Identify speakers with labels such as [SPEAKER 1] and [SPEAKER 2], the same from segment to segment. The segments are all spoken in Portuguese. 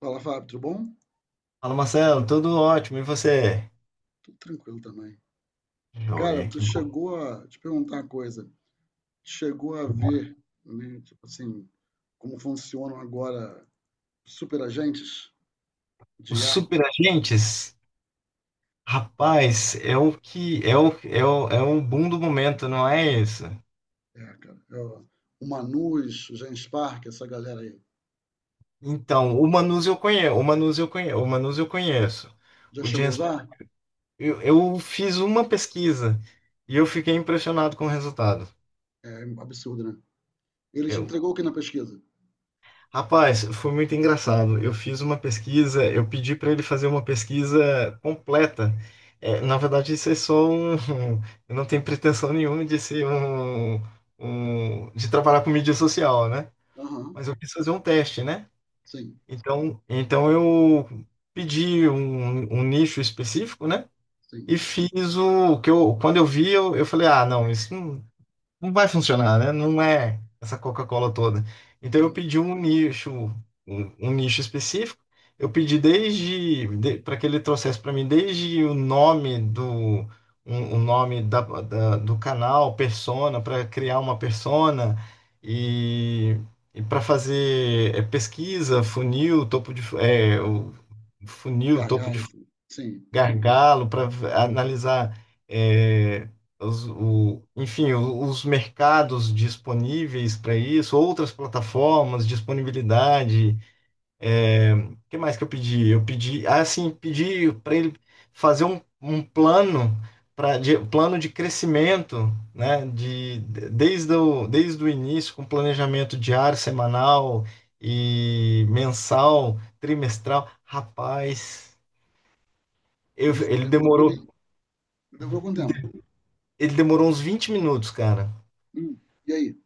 [SPEAKER 1] Fala, Fábio, tudo bom?
[SPEAKER 2] Fala, Marcelo, tudo ótimo, e você?
[SPEAKER 1] Tudo tranquilo também. Cara,
[SPEAKER 2] Joia,
[SPEAKER 1] tu
[SPEAKER 2] que bom.
[SPEAKER 1] chegou a... te perguntar uma coisa. Chegou a ver, né, tipo assim, como funcionam agora superagentes
[SPEAKER 2] Os
[SPEAKER 1] de IA?
[SPEAKER 2] superagentes, rapaz, é o que é o, é o, é um boom do momento, não é isso?
[SPEAKER 1] É, cara, é o Manus, o Genspark, essa galera aí.
[SPEAKER 2] Então, o Manus eu conheço, o Manus eu conheço, o Manus eu conheço.
[SPEAKER 1] Já
[SPEAKER 2] O
[SPEAKER 1] chegou a
[SPEAKER 2] James
[SPEAKER 1] usar?
[SPEAKER 2] Park, eu fiz uma pesquisa e eu fiquei impressionado com o resultado.
[SPEAKER 1] É absurdo, né? Ele te entregou o que na pesquisa?
[SPEAKER 2] Rapaz, foi muito engraçado. Eu fiz uma pesquisa, eu pedi para ele fazer uma pesquisa completa. É, na verdade, isso é só um. Eu não tenho pretensão nenhuma de ser de trabalhar com mídia social, né?
[SPEAKER 1] Aham,
[SPEAKER 2] Mas eu quis fazer um teste, né?
[SPEAKER 1] sim,
[SPEAKER 2] Então eu pedi um nicho específico, né?
[SPEAKER 1] sim,
[SPEAKER 2] E fiz o que eu. Quando eu vi, eu falei: ah, não, isso não vai funcionar, né? Não é essa Coca-Cola toda. Então eu
[SPEAKER 1] sim.
[SPEAKER 2] pedi um nicho, um nicho específico. Eu pedi desde para que ele trouxesse para mim desde o nome do um- o nome da, da- do canal, persona, para criar uma persona e, e para fazer pesquisa, funil, topo de
[SPEAKER 1] Gargalo, sim.
[SPEAKER 2] gargalo para analisar, é, enfim, os mercados disponíveis para isso, outras plataformas, disponibilidade. É, o que mais que eu pedi? Eu pedi, ah, sim, pedi para ele fazer um plano. Plano de crescimento, né? Desde o início, com planejamento diário, semanal e mensal, trimestral. Rapaz,
[SPEAKER 1] Ele te
[SPEAKER 2] ele
[SPEAKER 1] entregou tudo.
[SPEAKER 2] demorou.
[SPEAKER 1] Demorou quanto tempo?
[SPEAKER 2] Ele demorou uns 20 minutos, cara.
[SPEAKER 1] Hum, e aí?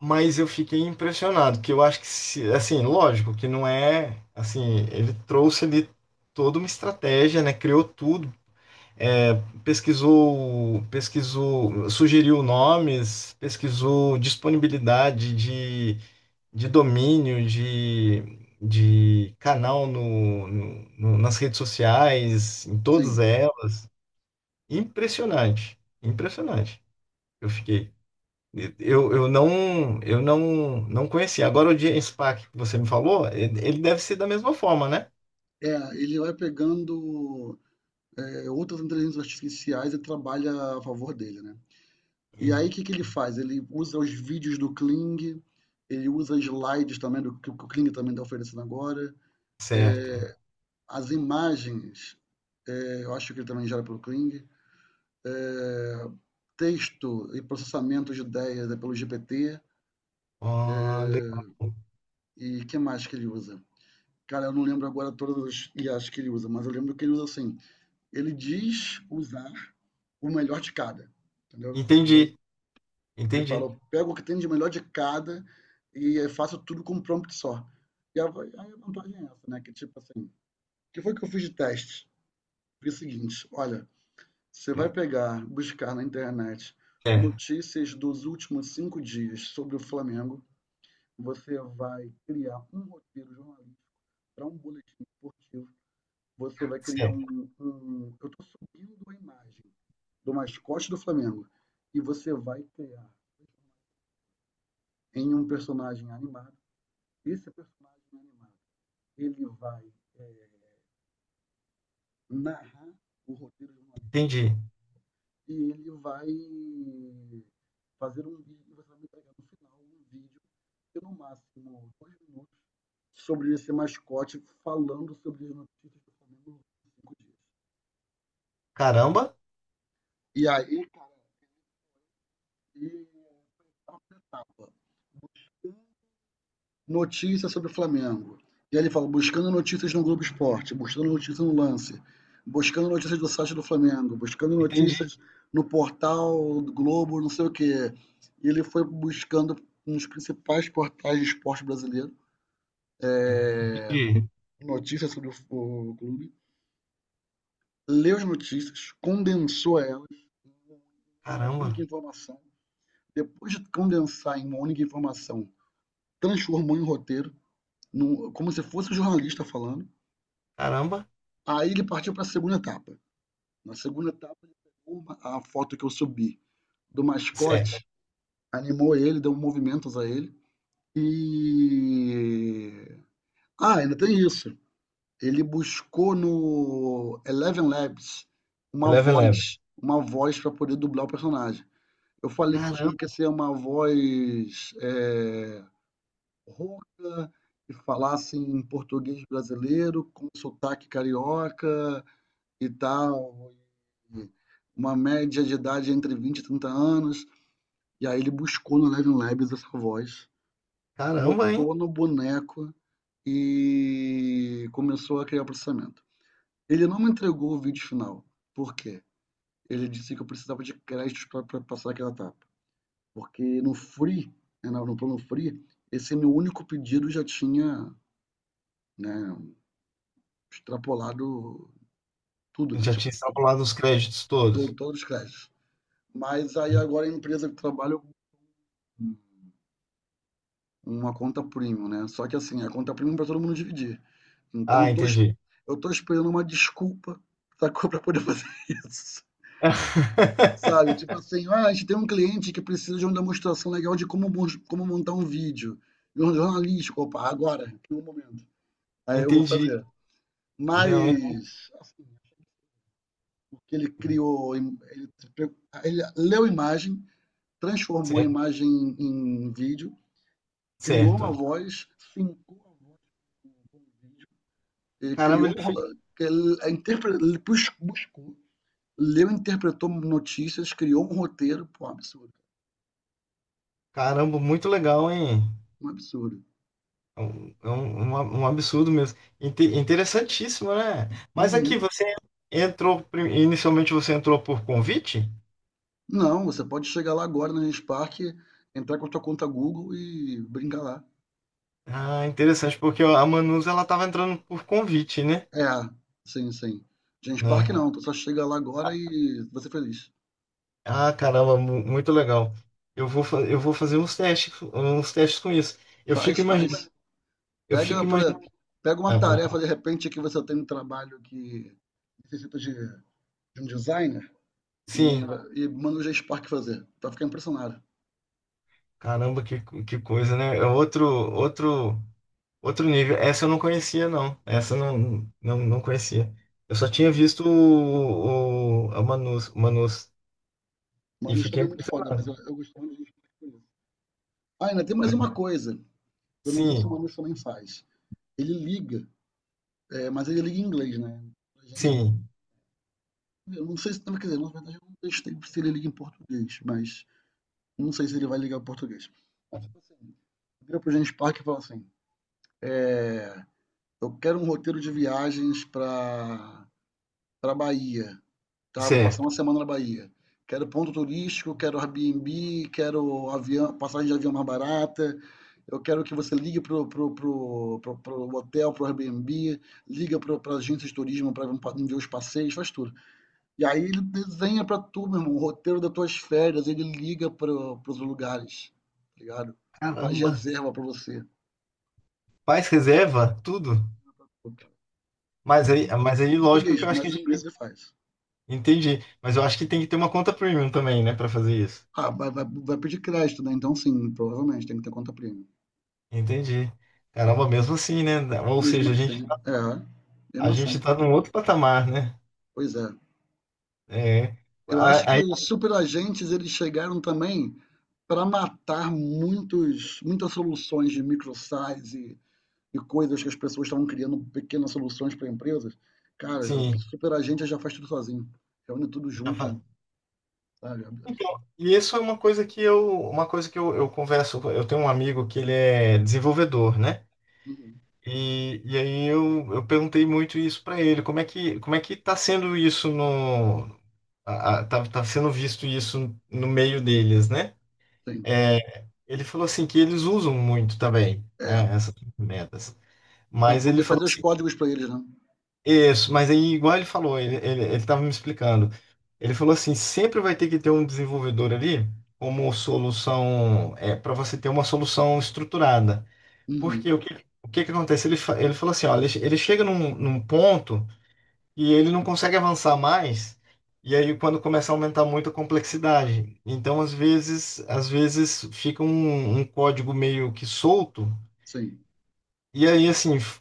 [SPEAKER 2] Mas eu fiquei impressionado, que eu acho que, assim, lógico que não é, assim, ele trouxe ali toda uma estratégia, né? Criou tudo, é, pesquisou, sugeriu nomes, pesquisou disponibilidade de domínio, de canal nas redes sociais, em todas
[SPEAKER 1] Sim.
[SPEAKER 2] elas. Impressionante, impressionante. Eu fiquei. Eu não conhecia. Agora o James Pack que você me falou, ele deve ser da mesma forma, né?
[SPEAKER 1] É, ele vai pegando. É, outras inteligências artificiais e trabalha a favor dele, né? E aí o
[SPEAKER 2] E-
[SPEAKER 1] que que ele faz? Ele usa os vídeos do Kling, ele usa slides também do que o Kling também está oferecendo agora,
[SPEAKER 2] Certo.
[SPEAKER 1] as imagens, é, eu acho que ele também gera pelo Kling, é, texto e processamento de ideias é pelo GPT,
[SPEAKER 2] Ah, legal.
[SPEAKER 1] e o que mais que ele usa? Cara, eu não lembro agora todas as IAs que ele usa, mas eu lembro que ele usa assim, ele diz usar o melhor de cada, entendeu?
[SPEAKER 2] Entendi,
[SPEAKER 1] Ele fala,
[SPEAKER 2] entendi.
[SPEAKER 1] eu pego o que tem de melhor de cada e faço tudo com um prompt só. E aí a vantagem é essa, né? Que tipo assim, o que foi que eu fiz de teste? Foi o seguinte, olha, você vai pegar, buscar na internet
[SPEAKER 2] É,
[SPEAKER 1] notícias dos últimos cinco dias sobre o Flamengo, você vai criar um roteiro jornalístico para um boletim esportivo, você vai criar
[SPEAKER 2] certo.
[SPEAKER 1] um... eu estou subindo a imagem do mascote do Flamengo e você vai criar em um personagem animado. Esse personagem animado, ele vai eh, narrar o roteiro jornalístico
[SPEAKER 2] Entendi.
[SPEAKER 1] e ele vai fazer um vídeo, e você vai me entregar no final um vídeo de no máximo dois minutos sobre esse mascote falando sobre as notícias do Flamengo nos cinco dias.
[SPEAKER 2] Caramba,
[SPEAKER 1] E aí, cara, e é etapa. Notícias sobre o Flamengo. E aí ele fala, buscando notícias no Globo Esporte, buscando notícias no Lance, buscando notícias do site do Flamengo, buscando
[SPEAKER 2] entendi,
[SPEAKER 1] notícias no portal do Globo, não sei o quê. E ele foi buscando nos principais portais de esporte brasileiro
[SPEAKER 2] entendi.
[SPEAKER 1] notícias sobre o clube, leu as notícias, condensou elas em uma
[SPEAKER 2] Caramba,
[SPEAKER 1] única informação. Depois de condensar em uma única informação, transformou em roteiro, num, como se fosse um jornalista falando.
[SPEAKER 2] caramba.
[SPEAKER 1] Aí ele partiu para a segunda etapa. Na segunda etapa, ele pegou a foto que eu subi do mascote,
[SPEAKER 2] Certo.
[SPEAKER 1] animou ele, deu movimentos a ele. E. Ah, ainda tem isso. Ele buscou no Eleven Labs
[SPEAKER 2] Eleven Eleven.
[SPEAKER 1] uma voz para poder dublar o personagem. Eu falei que
[SPEAKER 2] Caramba,
[SPEAKER 1] tinha que ser uma voz, é, rouca, que falasse em português brasileiro, com sotaque carioca e tal. Uma média de idade entre 20 e 30 anos. E aí ele buscou no Eleven Labs essa voz,
[SPEAKER 2] caramba, hein?
[SPEAKER 1] botou no boneco e começou a criar o processamento. Ele não me entregou o vídeo final. Por quê? Ele disse que eu precisava de créditos para passar aquela etapa. Porque no free, né, no plano free, esse meu único pedido já tinha, né, extrapolado tudo,
[SPEAKER 2] Eu
[SPEAKER 1] né?
[SPEAKER 2] já
[SPEAKER 1] Tipo,
[SPEAKER 2] tinha extrapolado os créditos todos.
[SPEAKER 1] todos os créditos. Mas aí agora a empresa que trabalha. Uma conta premium, né. Só que assim, a conta premium para todo mundo dividir. Então
[SPEAKER 2] Ah, entendi.
[SPEAKER 1] eu tô esperando uma desculpa, sacou, pra poder fazer isso. Sabe, tipo assim: "Ah, a gente tem um cliente que precisa de uma demonstração legal de como montar um vídeo, de um jornalístico", opa, agora, no momento. Aí eu vou
[SPEAKER 2] Entendi.
[SPEAKER 1] fazer.
[SPEAKER 2] Não,
[SPEAKER 1] Mas, assim, porque ele criou im ele se pre ele leu a imagem, transformou a
[SPEAKER 2] certo,
[SPEAKER 1] imagem em vídeo, criou uma
[SPEAKER 2] certo.
[SPEAKER 1] voz, fincou a voz. Ele
[SPEAKER 2] Caramba, ele
[SPEAKER 1] criou um
[SPEAKER 2] fez.
[SPEAKER 1] que ele a interpre- ele buscou, leu, interpretou notícias, criou um roteiro, pô, um absurdo,
[SPEAKER 2] Caramba, muito legal, hein?
[SPEAKER 1] um absurdo.
[SPEAKER 2] É um absurdo mesmo. Interessantíssimo, né?
[SPEAKER 1] É.
[SPEAKER 2] Mas aqui
[SPEAKER 1] Uhum.
[SPEAKER 2] você inicialmente você entrou por convite?
[SPEAKER 1] Não, você pode chegar lá agora no Genspark, entrar com a tua conta Google e brincar lá.
[SPEAKER 2] Ah, interessante, porque a Manus ela estava entrando por convite, né?
[SPEAKER 1] É, sim, sim. Genspark
[SPEAKER 2] Né?
[SPEAKER 1] não, tu só chega lá agora e você feliz.
[SPEAKER 2] Ah, caramba, muito legal. Eu vou fazer uns testes com isso. Eu fico
[SPEAKER 1] Faz,
[SPEAKER 2] imaginando,
[SPEAKER 1] faz.
[SPEAKER 2] eu
[SPEAKER 1] Pega,
[SPEAKER 2] fico
[SPEAKER 1] por,
[SPEAKER 2] imaginando.
[SPEAKER 1] pega uma
[SPEAKER 2] Ah, pode
[SPEAKER 1] tarefa
[SPEAKER 2] falar.
[SPEAKER 1] de repente que você tem um trabalho que necessita de um designer e,
[SPEAKER 2] Sim,
[SPEAKER 1] e manda o Genspark fazer. Tu vai ficar impressionado.
[SPEAKER 2] caramba, que coisa, né? É outro, outro. Outro nível. Essa eu não conhecia, não. Essa eu não conhecia. Eu só tinha visto a Manus, o Manus e
[SPEAKER 1] Manu
[SPEAKER 2] fiquei
[SPEAKER 1] Strong é muito foda, mas
[SPEAKER 2] impressionado.
[SPEAKER 1] eu gosto muito de. Ah, ainda tem mais
[SPEAKER 2] Né?
[SPEAKER 1] uma coisa. Eu não sei se o
[SPEAKER 2] Sim,
[SPEAKER 1] Manu também faz. Ele liga, é, mas ele liga em inglês, né? A gente não tem.
[SPEAKER 2] sim,
[SPEAKER 1] Eu não sei se. Quer dizer, na verdade, eu não testei se ele liga em português, mas não sei se ele vai ligar em português. Mas, tipo assim, vira pro James Park e fala assim: eu quero um roteiro de viagens pra Bahia. Tá? Vou passar
[SPEAKER 2] certo.
[SPEAKER 1] uma semana na Bahia. Quero ponto turístico, quero Airbnb, quero avião, passagem de avião mais barata. Eu quero que você ligue pro hotel, pro Airbnb, liga pra agência de turismo para ver os passeios, faz tudo. E aí ele desenha para tu, meu irmão, o roteiro das tuas férias, ele liga pros lugares, tá ligado? Faz
[SPEAKER 2] Caramba.
[SPEAKER 1] reserva para você.
[SPEAKER 2] Faz reserva, tudo.
[SPEAKER 1] Pô, cara, eu não
[SPEAKER 2] Mas aí, mas
[SPEAKER 1] sei
[SPEAKER 2] aí, lógico que
[SPEAKER 1] português,
[SPEAKER 2] eu acho que
[SPEAKER 1] mas
[SPEAKER 2] já
[SPEAKER 1] em inglês ele faz.
[SPEAKER 2] entendi. Mas eu acho que tem que ter uma conta premium também, né, para fazer isso.
[SPEAKER 1] Ah, vai, vai, vai pedir crédito, né? Então sim, provavelmente tem que ter conta premium.
[SPEAKER 2] Entendi. Caramba, mesmo assim, né? Ou
[SPEAKER 1] Mesmo
[SPEAKER 2] seja,
[SPEAKER 1] assim, é,
[SPEAKER 2] a
[SPEAKER 1] mesmo
[SPEAKER 2] gente
[SPEAKER 1] assim,
[SPEAKER 2] tá num outro patamar, né?
[SPEAKER 1] pois é.
[SPEAKER 2] É.
[SPEAKER 1] Eu acho que
[SPEAKER 2] Aí,
[SPEAKER 1] os superagentes eles chegaram também para matar muitos, muitas soluções de microsize e coisas que as pessoas estavam criando pequenas soluções para empresas. Cara,
[SPEAKER 2] sim.
[SPEAKER 1] superagente já faz tudo sozinho, reúne tudo
[SPEAKER 2] Já
[SPEAKER 1] junto
[SPEAKER 2] fa-
[SPEAKER 1] e, sabe?
[SPEAKER 2] Então, e isso é uma coisa que eu, uma coisa que eu converso, eu tenho um amigo que ele é desenvolvedor, né?
[SPEAKER 1] Uhum,
[SPEAKER 2] E aí eu perguntei muito isso para ele, como é que tá sendo isso no, a- tá, tá sendo visto isso no meio deles, né?
[SPEAKER 1] sim,
[SPEAKER 2] É, ele falou assim que eles usam muito também,
[SPEAKER 1] é
[SPEAKER 2] né, essas ferramentas.
[SPEAKER 1] para
[SPEAKER 2] Mas ele
[SPEAKER 1] poder
[SPEAKER 2] falou
[SPEAKER 1] fazer os
[SPEAKER 2] assim.
[SPEAKER 1] códigos para eles, né?
[SPEAKER 2] Isso, mas aí, igual ele falou, ele estava me explicando. Ele falou assim: sempre vai ter que ter um desenvolvedor ali como solução, é, para você ter uma solução estruturada.
[SPEAKER 1] Uhum,
[SPEAKER 2] Porque o que que acontece? Ele falou assim: ó, ele chega num ponto e ele não consegue avançar mais, e aí quando começa a aumentar muito a complexidade. Então, às vezes fica um código meio que solto
[SPEAKER 1] sim,
[SPEAKER 2] e aí, assim,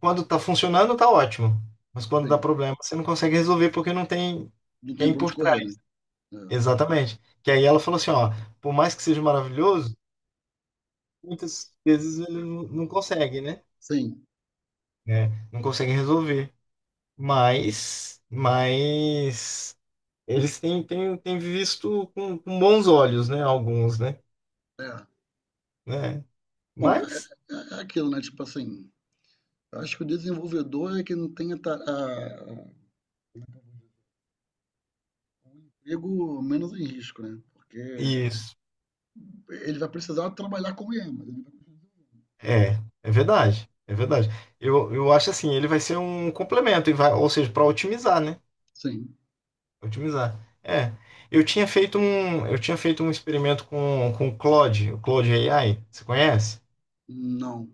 [SPEAKER 2] quando tá funcionando, tá ótimo. Mas quando dá
[SPEAKER 1] sim,
[SPEAKER 2] problema, você não consegue resolver porque não tem
[SPEAKER 1] não tem
[SPEAKER 2] quem
[SPEAKER 1] para onde
[SPEAKER 2] por
[SPEAKER 1] correr, né?
[SPEAKER 2] trás.
[SPEAKER 1] É,
[SPEAKER 2] Exatamente. Que aí ela falou assim, ó, por mais que seja maravilhoso, muitas vezes ele não consegue, né?
[SPEAKER 1] sim,
[SPEAKER 2] É, não consegue resolver. Mas eles têm visto com bons olhos, né? Alguns, né?
[SPEAKER 1] é.
[SPEAKER 2] Né?
[SPEAKER 1] Bom, é,
[SPEAKER 2] Mas,
[SPEAKER 1] é aquilo, né? Tipo assim. Eu acho que o desenvolvedor é quem tem a emprego menos em risco, né? Porque
[SPEAKER 2] isso.
[SPEAKER 1] ele vai precisar trabalhar com IA, mas ele vai...
[SPEAKER 2] É, é verdade, é verdade. Eu acho assim, ele vai ser um complemento, e vai, ou seja, para otimizar, né?
[SPEAKER 1] Sim,
[SPEAKER 2] Otimizar. É. Eu tinha feito um experimento com o Claude AI, você conhece?
[SPEAKER 1] não,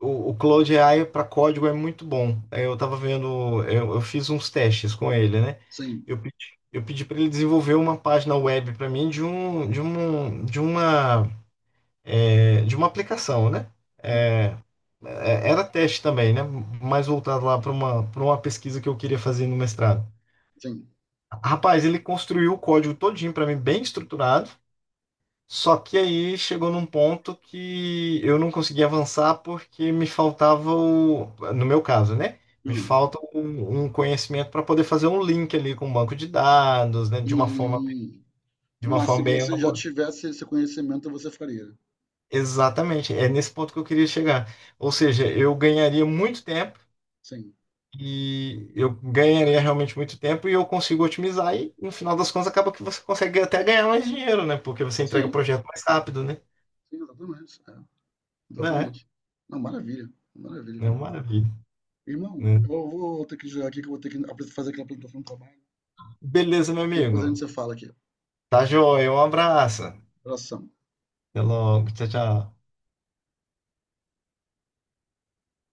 [SPEAKER 2] O Claude AI para código é muito bom. Aí eu estava vendo, eu fiz uns testes com ele, né?
[SPEAKER 1] sim,
[SPEAKER 2] Eu pedi para ele desenvolver uma página web para mim de um, de um, de uma, é, de uma aplicação, né?
[SPEAKER 1] sim,
[SPEAKER 2] É, era teste também, né? Mais voltado lá para uma pesquisa que eu queria fazer no mestrado.
[SPEAKER 1] sim,
[SPEAKER 2] Rapaz, ele construiu o código todinho para mim, bem estruturado. Só que aí chegou num ponto que eu não conseguia avançar porque me faltava no meu caso, né? Me
[SPEAKER 1] não.
[SPEAKER 2] falta um conhecimento para poder fazer um link ali com o banco de dados, né? De uma forma,
[SPEAKER 1] Hum,
[SPEAKER 2] de uma
[SPEAKER 1] mas se
[SPEAKER 2] forma bem
[SPEAKER 1] você já
[SPEAKER 2] elaborada.
[SPEAKER 1] tivesse esse conhecimento, você faria.
[SPEAKER 2] Exatamente, é nesse ponto que eu queria chegar. Ou seja, eu ganharia muito tempo.
[SPEAKER 1] Sim,
[SPEAKER 2] E eu ganharia realmente muito tempo e eu consigo otimizar. E no final das contas, acaba que você consegue até ganhar mais dinheiro, né? Porque você entrega o
[SPEAKER 1] sim,
[SPEAKER 2] projeto mais rápido, né?
[SPEAKER 1] sim, exatamente. É,
[SPEAKER 2] Né?
[SPEAKER 1] exatamente. Não, maravilha,
[SPEAKER 2] É,
[SPEAKER 1] maravilha.
[SPEAKER 2] é uma maravilha,
[SPEAKER 1] Irmão, eu
[SPEAKER 2] né?
[SPEAKER 1] vou ter que jogar aqui, que eu vou ter que fazer aquela apresentação do trabalho.
[SPEAKER 2] Beleza, meu
[SPEAKER 1] Depois a gente
[SPEAKER 2] amigo.
[SPEAKER 1] se fala aqui.
[SPEAKER 2] Tá joia. Um abraço.
[SPEAKER 1] Abração.
[SPEAKER 2] Até logo. Tchau, tchau.